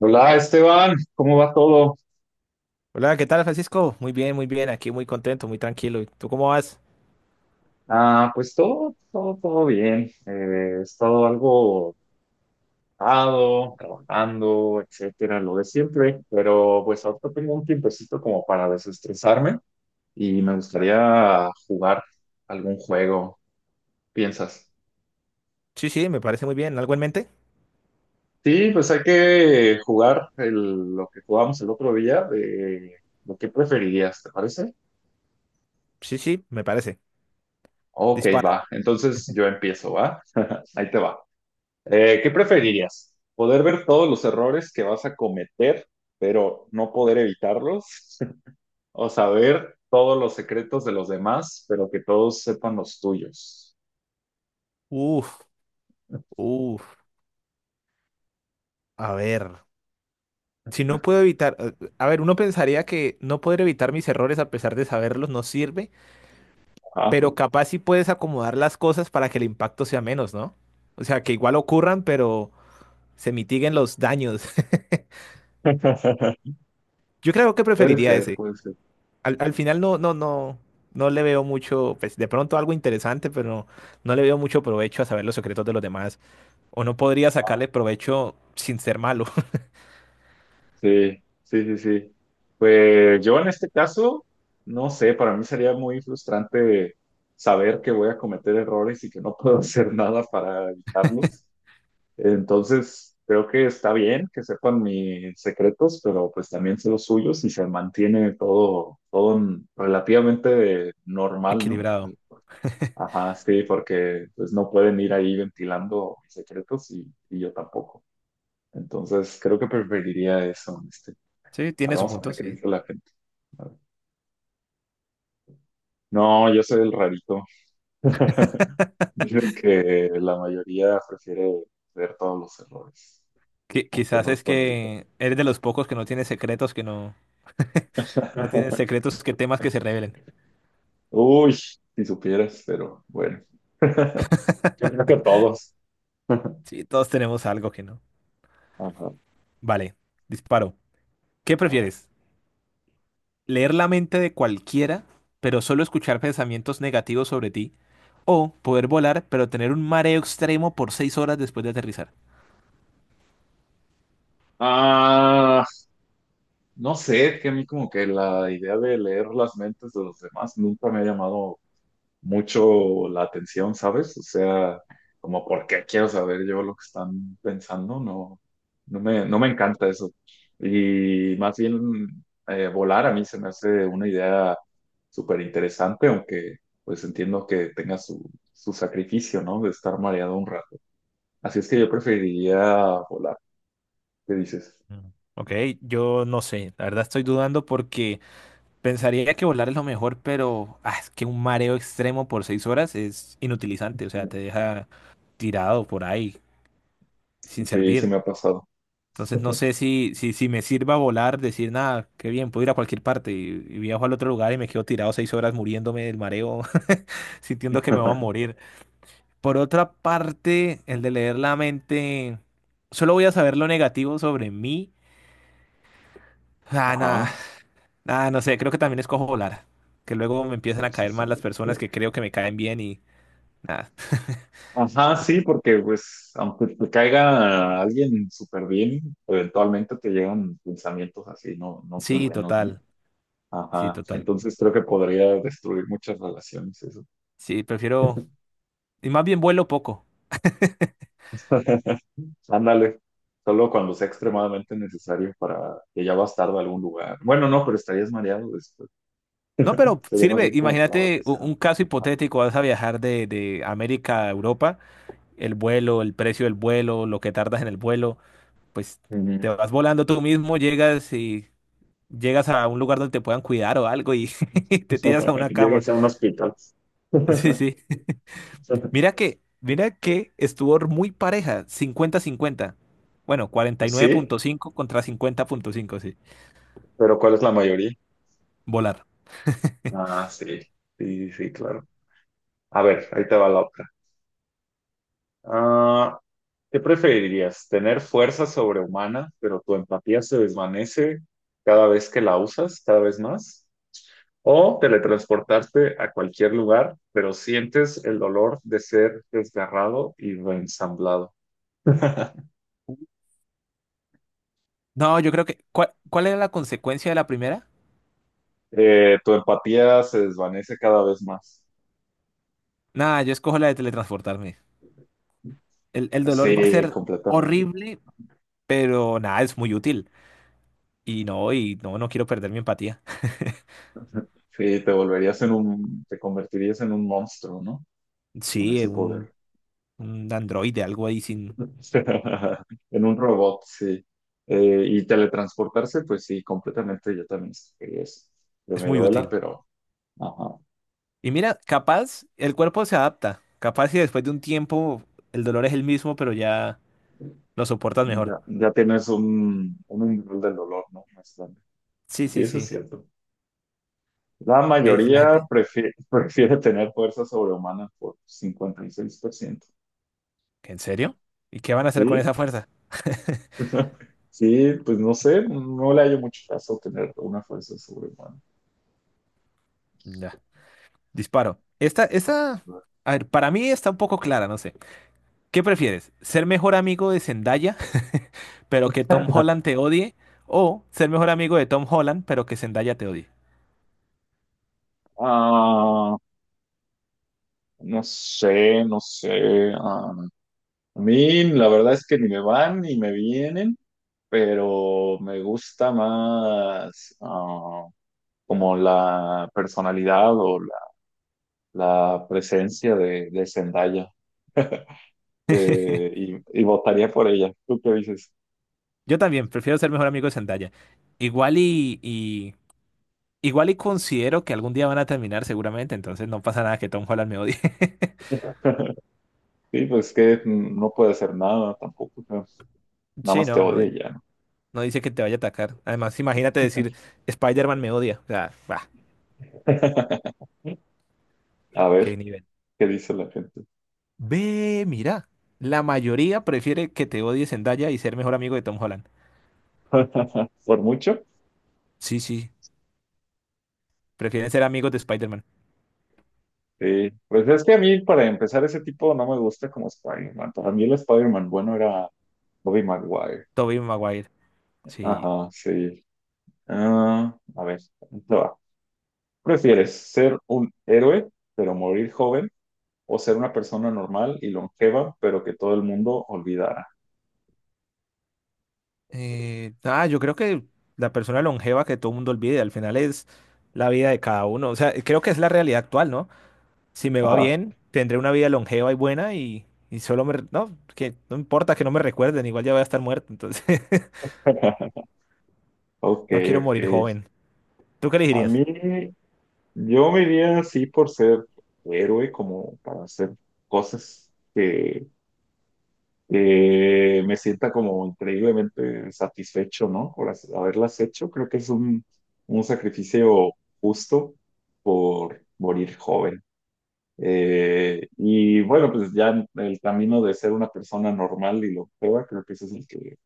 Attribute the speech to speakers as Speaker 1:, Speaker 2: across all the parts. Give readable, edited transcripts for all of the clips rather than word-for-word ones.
Speaker 1: Hola Esteban, ¿cómo va todo?
Speaker 2: Hola, ¿qué tal, Francisco? Muy bien, aquí muy contento, muy tranquilo. ¿Y tú cómo vas?
Speaker 1: Pues todo bien. He estado algo ocupado, trabajando, etcétera, lo de siempre, pero pues ahorita tengo un tiempecito como para desestresarme y me gustaría jugar algún juego, ¿piensas?
Speaker 2: Sí, sí, me parece muy bien. ¿Algo en mente?
Speaker 1: Sí, pues hay que jugar lo que jugamos el otro día de lo que preferirías, ¿te parece?
Speaker 2: Sí, sí, me parece.
Speaker 1: Ok,
Speaker 2: Dispara.
Speaker 1: va. Entonces yo empiezo, ¿va? Ahí te va. ¿Qué preferirías? ¿Poder ver todos los errores que vas a cometer, pero no poder evitarlos? ¿O saber todos los secretos de los demás, pero que todos sepan los tuyos?
Speaker 2: Uf, uf. A ver, si no puedo evitar, a ver, uno pensaría que no poder evitar mis errores a pesar de saberlos no sirve,
Speaker 1: Ah.
Speaker 2: pero capaz sí puedes acomodar las cosas para que el impacto sea menos, ¿no? O sea, que igual ocurran, pero se mitiguen los daños. Yo creo que
Speaker 1: Puede
Speaker 2: preferiría
Speaker 1: ser,
Speaker 2: ese.
Speaker 1: puede ser.
Speaker 2: Al final no, no, no, no le veo mucho, pues de pronto algo interesante, pero no, no le veo mucho provecho a saber los secretos de los demás. O no podría sacarle
Speaker 1: Ah,
Speaker 2: provecho sin ser malo.
Speaker 1: sí, sí, sí, sí. Pues yo en este caso, no sé, para mí sería muy frustrante saber que voy a cometer errores y que no puedo hacer nada para evitarlos. Entonces, creo que está bien que sepan mis secretos, pero pues también sé los suyos y se mantiene todo, relativamente normal, ¿no?
Speaker 2: Equilibrado.
Speaker 1: Ajá, sí, porque pues no pueden ir ahí ventilando mis secretos y yo tampoco. Entonces, creo que preferiría eso, este.
Speaker 2: Sí, tiene
Speaker 1: Ahora
Speaker 2: su
Speaker 1: vamos a
Speaker 2: punto,
Speaker 1: ver qué
Speaker 2: sí.
Speaker 1: dice la gente. A ver. No, yo soy el rarito. Dicen que la mayoría prefiere ver todos los errores, aunque
Speaker 2: Quizás
Speaker 1: no los
Speaker 2: es
Speaker 1: pueden evitar.
Speaker 2: que eres de los pocos que no tiene secretos, que no. No tiene secretos que temas que se revelen.
Speaker 1: Uy, si supieras, pero bueno. Yo creo que todos.
Speaker 2: Sí, todos tenemos algo que no.
Speaker 1: Ajá,
Speaker 2: Vale, disparo. ¿Qué
Speaker 1: a ver.
Speaker 2: prefieres? Leer la mente de cualquiera, pero solo escuchar pensamientos negativos sobre ti, o poder volar, pero tener un mareo extremo por 6 horas después de aterrizar.
Speaker 1: Ah, no sé, que a mí como que la idea de leer las mentes de los demás nunca me ha llamado mucho la atención, ¿sabes? O sea, como por qué quiero saber yo lo que están pensando, no, no me encanta eso. Y más bien volar a mí se me hace una idea súper interesante, aunque pues entiendo que tenga su, su sacrificio, ¿no? De estar mareado un rato. Así es que yo preferiría volar. ¿Qué dices?
Speaker 2: Mm. Ok, yo no sé, la verdad estoy dudando porque pensaría que volar es lo mejor, pero ah, es que un mareo extremo por seis horas es inutilizante, o sea, te deja tirado por ahí, sin
Speaker 1: Sí, sí
Speaker 2: servir.
Speaker 1: me ha pasado.
Speaker 2: Entonces no sé si me sirva volar, decir, nada, qué bien, puedo ir a cualquier parte y viajo al otro lugar y me quedo tirado 6 horas muriéndome del mareo sintiendo que me voy a morir. Por otra parte, el de leer la mente, solo voy a saber lo negativo sobre mí. Ah, nada,
Speaker 1: Ajá.
Speaker 2: nada, no sé, creo que también escojo volar, que luego me empiezan a caer mal las personas que creo que me caen bien y nada.
Speaker 1: Ajá, sí, porque pues aunque te caiga alguien súper bien, eventualmente te llegan pensamientos así, no, no tan
Speaker 2: Sí,
Speaker 1: buenos, ¿no?
Speaker 2: total, sí,
Speaker 1: Ajá,
Speaker 2: total.
Speaker 1: entonces creo que podría destruir muchas relaciones eso.
Speaker 2: Sí, prefiero, y más bien vuelo poco.
Speaker 1: Ándale, solo cuando sea extremadamente necesario para que ya vas tarde a algún lugar. Bueno, no, pero estarías mareado después.
Speaker 2: No, pero
Speaker 1: Sería más
Speaker 2: sirve,
Speaker 1: bien como para
Speaker 2: imagínate
Speaker 1: vacacionar.
Speaker 2: un, caso
Speaker 1: Ajá.
Speaker 2: hipotético, vas a viajar de América a Europa, el vuelo, el precio del vuelo, lo que tardas en el vuelo. Pues
Speaker 1: Ujú.
Speaker 2: te vas volando tú mismo, llegas y llegas a un lugar donde te puedan cuidar o algo y te tiras a una cama.
Speaker 1: Llegas a un hospital.
Speaker 2: Sí, sí. Mira que estuvo muy pareja, 50/50. Bueno, cuarenta y nueve
Speaker 1: Sí,
Speaker 2: punto cinco contra 50,5, sí.
Speaker 1: pero ¿cuál es la mayoría?
Speaker 2: Volar.
Speaker 1: Ah, sí, sí, sí, sí, claro. A ver, ahí te va la otra. Ah, ¿Qué preferirías? ¿Tener fuerza sobrehumana, pero tu empatía se desvanece cada vez que la usas, cada vez más? ¿O teletransportarte a cualquier lugar, pero sientes el dolor de ser desgarrado y reensamblado?
Speaker 2: No, yo creo que. ¿Cuál era la consecuencia de la primera?
Speaker 1: Tu empatía se desvanece cada vez más.
Speaker 2: Nada, yo escojo la de teletransportarme. El dolor va a
Speaker 1: Sí,
Speaker 2: ser
Speaker 1: completamente.
Speaker 2: horrible, pero nada, es muy útil. Y no, no quiero perder mi empatía.
Speaker 1: Sí, te convertirías en un monstruo, ¿no? Con
Speaker 2: Sí,
Speaker 1: ese
Speaker 2: un
Speaker 1: poder.
Speaker 2: un androide, algo ahí sin...
Speaker 1: En un robot, sí. Y teletransportarse, pues sí, completamente. Yo también quería eso. Que
Speaker 2: Es
Speaker 1: me
Speaker 2: muy
Speaker 1: duela,
Speaker 2: útil.
Speaker 1: pero ajá,
Speaker 2: Y mira, capaz el cuerpo se adapta. Capaz si después de un tiempo el dolor es el mismo, pero ya lo soportas mejor.
Speaker 1: ya, ya tienes un nivel del dolor, ¿no? Más grande.
Speaker 2: Sí,
Speaker 1: Sí,
Speaker 2: sí,
Speaker 1: eso es
Speaker 2: sí.
Speaker 1: cierto. La
Speaker 2: ¿Qué dice la
Speaker 1: mayoría
Speaker 2: gente?
Speaker 1: prefiere, tener fuerza sobrehumana por 56%.
Speaker 2: ¿Que en serio? ¿Y qué van a hacer con
Speaker 1: Sí,
Speaker 2: esa fuerza?
Speaker 1: sí, pues no sé, no le hallo mucho caso tener una fuerza sobrehumana.
Speaker 2: Ya. Disparo. A ver, para mí está un poco clara, no sé. ¿Qué prefieres? ¿Ser mejor amigo de Zendaya, pero que Tom Holland te odie? ¿O ser mejor amigo de Tom Holland, pero que Zendaya te odie?
Speaker 1: Ah, no sé, no sé. A mí la verdad es que ni me van ni me vienen, pero me gusta más como la personalidad o la presencia de Zendaya eh, y votaría por ella. ¿Tú qué dices?
Speaker 2: Yo también prefiero ser mejor amigo de Zendaya. Igual y, y- igual y considero que algún día van a terminar seguramente, entonces no pasa nada que Tom Holland me odie.
Speaker 1: Sí, pues que no puede hacer nada tampoco, pero nada
Speaker 2: Sí,
Speaker 1: más te
Speaker 2: no, no,
Speaker 1: odia y ya, ¿no?
Speaker 2: no dice que te vaya a atacar. Además, imagínate decir Spider-Man me odia. O sea, bah,
Speaker 1: A
Speaker 2: qué
Speaker 1: ver,
Speaker 2: nivel.
Speaker 1: ¿qué dice la gente?
Speaker 2: Ve, mira, la mayoría prefiere que te odie Zendaya y ser mejor amigo de Tom Holland.
Speaker 1: ¿Por mucho?
Speaker 2: Sí, sí, prefieren ser amigos de Spider-Man.
Speaker 1: Sí, pues es que a mí para empezar ese tipo no me gusta como Spider-Man. Para mí el Spider-Man bueno era Bobby Maguire.
Speaker 2: Tobey Maguire. Sí.
Speaker 1: Ajá, sí. A ver, esto va. ¿Prefieres ser un héroe, pero morir joven, o ser una persona normal y longeva, pero que todo el mundo olvidara?
Speaker 2: Yo creo que la persona longeva que todo el mundo olvide al final es la vida de cada uno. O sea, creo que es la realidad actual, ¿no? Si me va
Speaker 1: Ajá.
Speaker 2: bien, tendré una vida longeva y buena y solo me... No, que no importa que no me recuerden, igual ya voy a estar muerto, entonces
Speaker 1: Ok,
Speaker 2: no quiero
Speaker 1: ok.
Speaker 2: morir joven. ¿Tú qué
Speaker 1: A
Speaker 2: elegirías?
Speaker 1: mí, yo me iría así por ser héroe, como para hacer cosas que me sienta como increíblemente satisfecho, ¿no? Por haberlas hecho. Creo que es un sacrificio justo por morir joven. Y bueno, pues ya en el camino de ser una persona normal y lo prueba, creo que ese es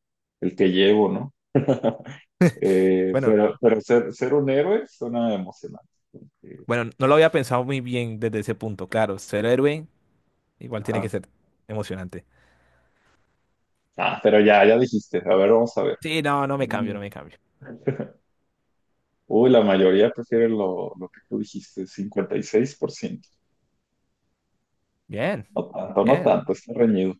Speaker 1: el que llevo, ¿no?
Speaker 2: Bueno,
Speaker 1: Pero ser un héroe suena emocionante. Eh,
Speaker 2: bueno, no lo había pensado muy bien desde ese punto, claro, ser héroe igual tiene que
Speaker 1: ajá.
Speaker 2: ser emocionante.
Speaker 1: Ah, pero ya, ya dijiste. A ver, vamos a ver.
Speaker 2: Sí, no, no me cambio, no
Speaker 1: Mm.
Speaker 2: me cambio.
Speaker 1: Uy, la mayoría prefiere lo que tú dijiste, 56%.
Speaker 2: Bien,
Speaker 1: No tanto, no
Speaker 2: bien.
Speaker 1: tanto, está reñido.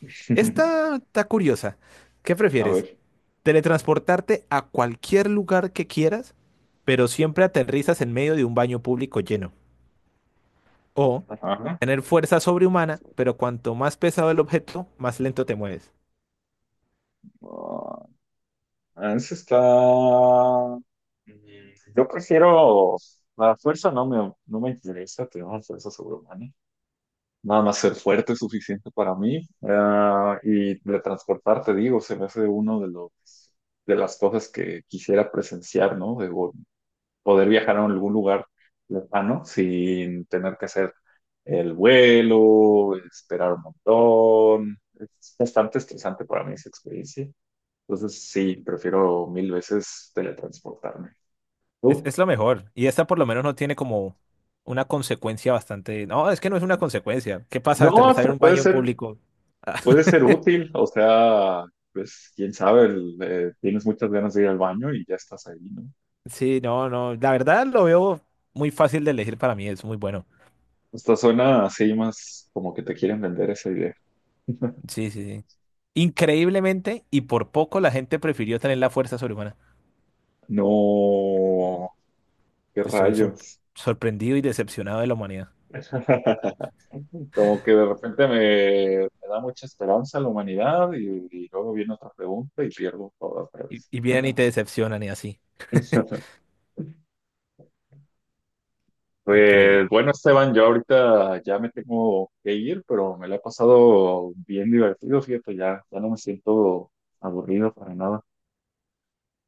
Speaker 2: Esta está curiosa. ¿Qué
Speaker 1: A
Speaker 2: prefieres?
Speaker 1: ver.
Speaker 2: Teletransportarte a cualquier lugar que quieras, pero siempre aterrizas en medio de un baño público lleno. O
Speaker 1: Ajá.
Speaker 2: tener fuerza sobrehumana, pero cuanto más pesado el objeto, más lento te mueves.
Speaker 1: Ah, ese está... Mm, yo prefiero... La fuerza no me, no me interesa, tener una fuerza sobrehumana. Nada más ser fuerte es suficiente para mí. Ah, y de transportar, te digo, se me hace uno de los, de las cosas que quisiera presenciar, ¿no? De, poder viajar a algún lugar lejano sin tener que hacer el vuelo, esperar un montón. Es bastante estresante para mí esa experiencia. Entonces, sí, prefiero mil veces teletransportarme.
Speaker 2: Es,
Speaker 1: ¿Tú?
Speaker 2: es lo mejor. Y esta por lo menos no tiene como una consecuencia bastante... No, es que no es una consecuencia. ¿Qué pasa
Speaker 1: No,
Speaker 2: aterrizar en
Speaker 1: hasta
Speaker 2: un baño público?
Speaker 1: puede ser útil. O sea, pues quién sabe, tienes muchas ganas de ir al baño y ya estás ahí, ¿no?
Speaker 2: Sí, no, no. La verdad lo veo muy fácil de elegir para mí. Es muy bueno.
Speaker 1: Hasta suena así más como que te quieren vender esa idea.
Speaker 2: Sí, sí, sí. Increíblemente, y por poco la gente prefirió tener la fuerza sobrehumana.
Speaker 1: No, qué
Speaker 2: Estoy
Speaker 1: rayos.
Speaker 2: sorprendido y decepcionado de la humanidad.
Speaker 1: Como que de repente me da mucha esperanza la humanidad y luego viene otra pregunta y pierdo todo otra
Speaker 2: Y,
Speaker 1: vez.
Speaker 2: y vienen y te decepcionan y así. Increíble.
Speaker 1: Pues bueno, Esteban, yo ahorita ya me tengo que ir, pero me la he pasado bien divertido, fíjate, ya, ya no me siento aburrido para nada.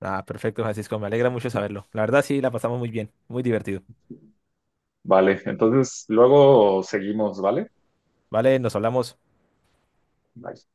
Speaker 2: Ah, perfecto, Francisco. Me alegra mucho saberlo. La verdad, sí, la pasamos muy bien. Muy divertido.
Speaker 1: Vale, entonces luego seguimos, ¿vale?
Speaker 2: Vale, nos hablamos.
Speaker 1: Bye.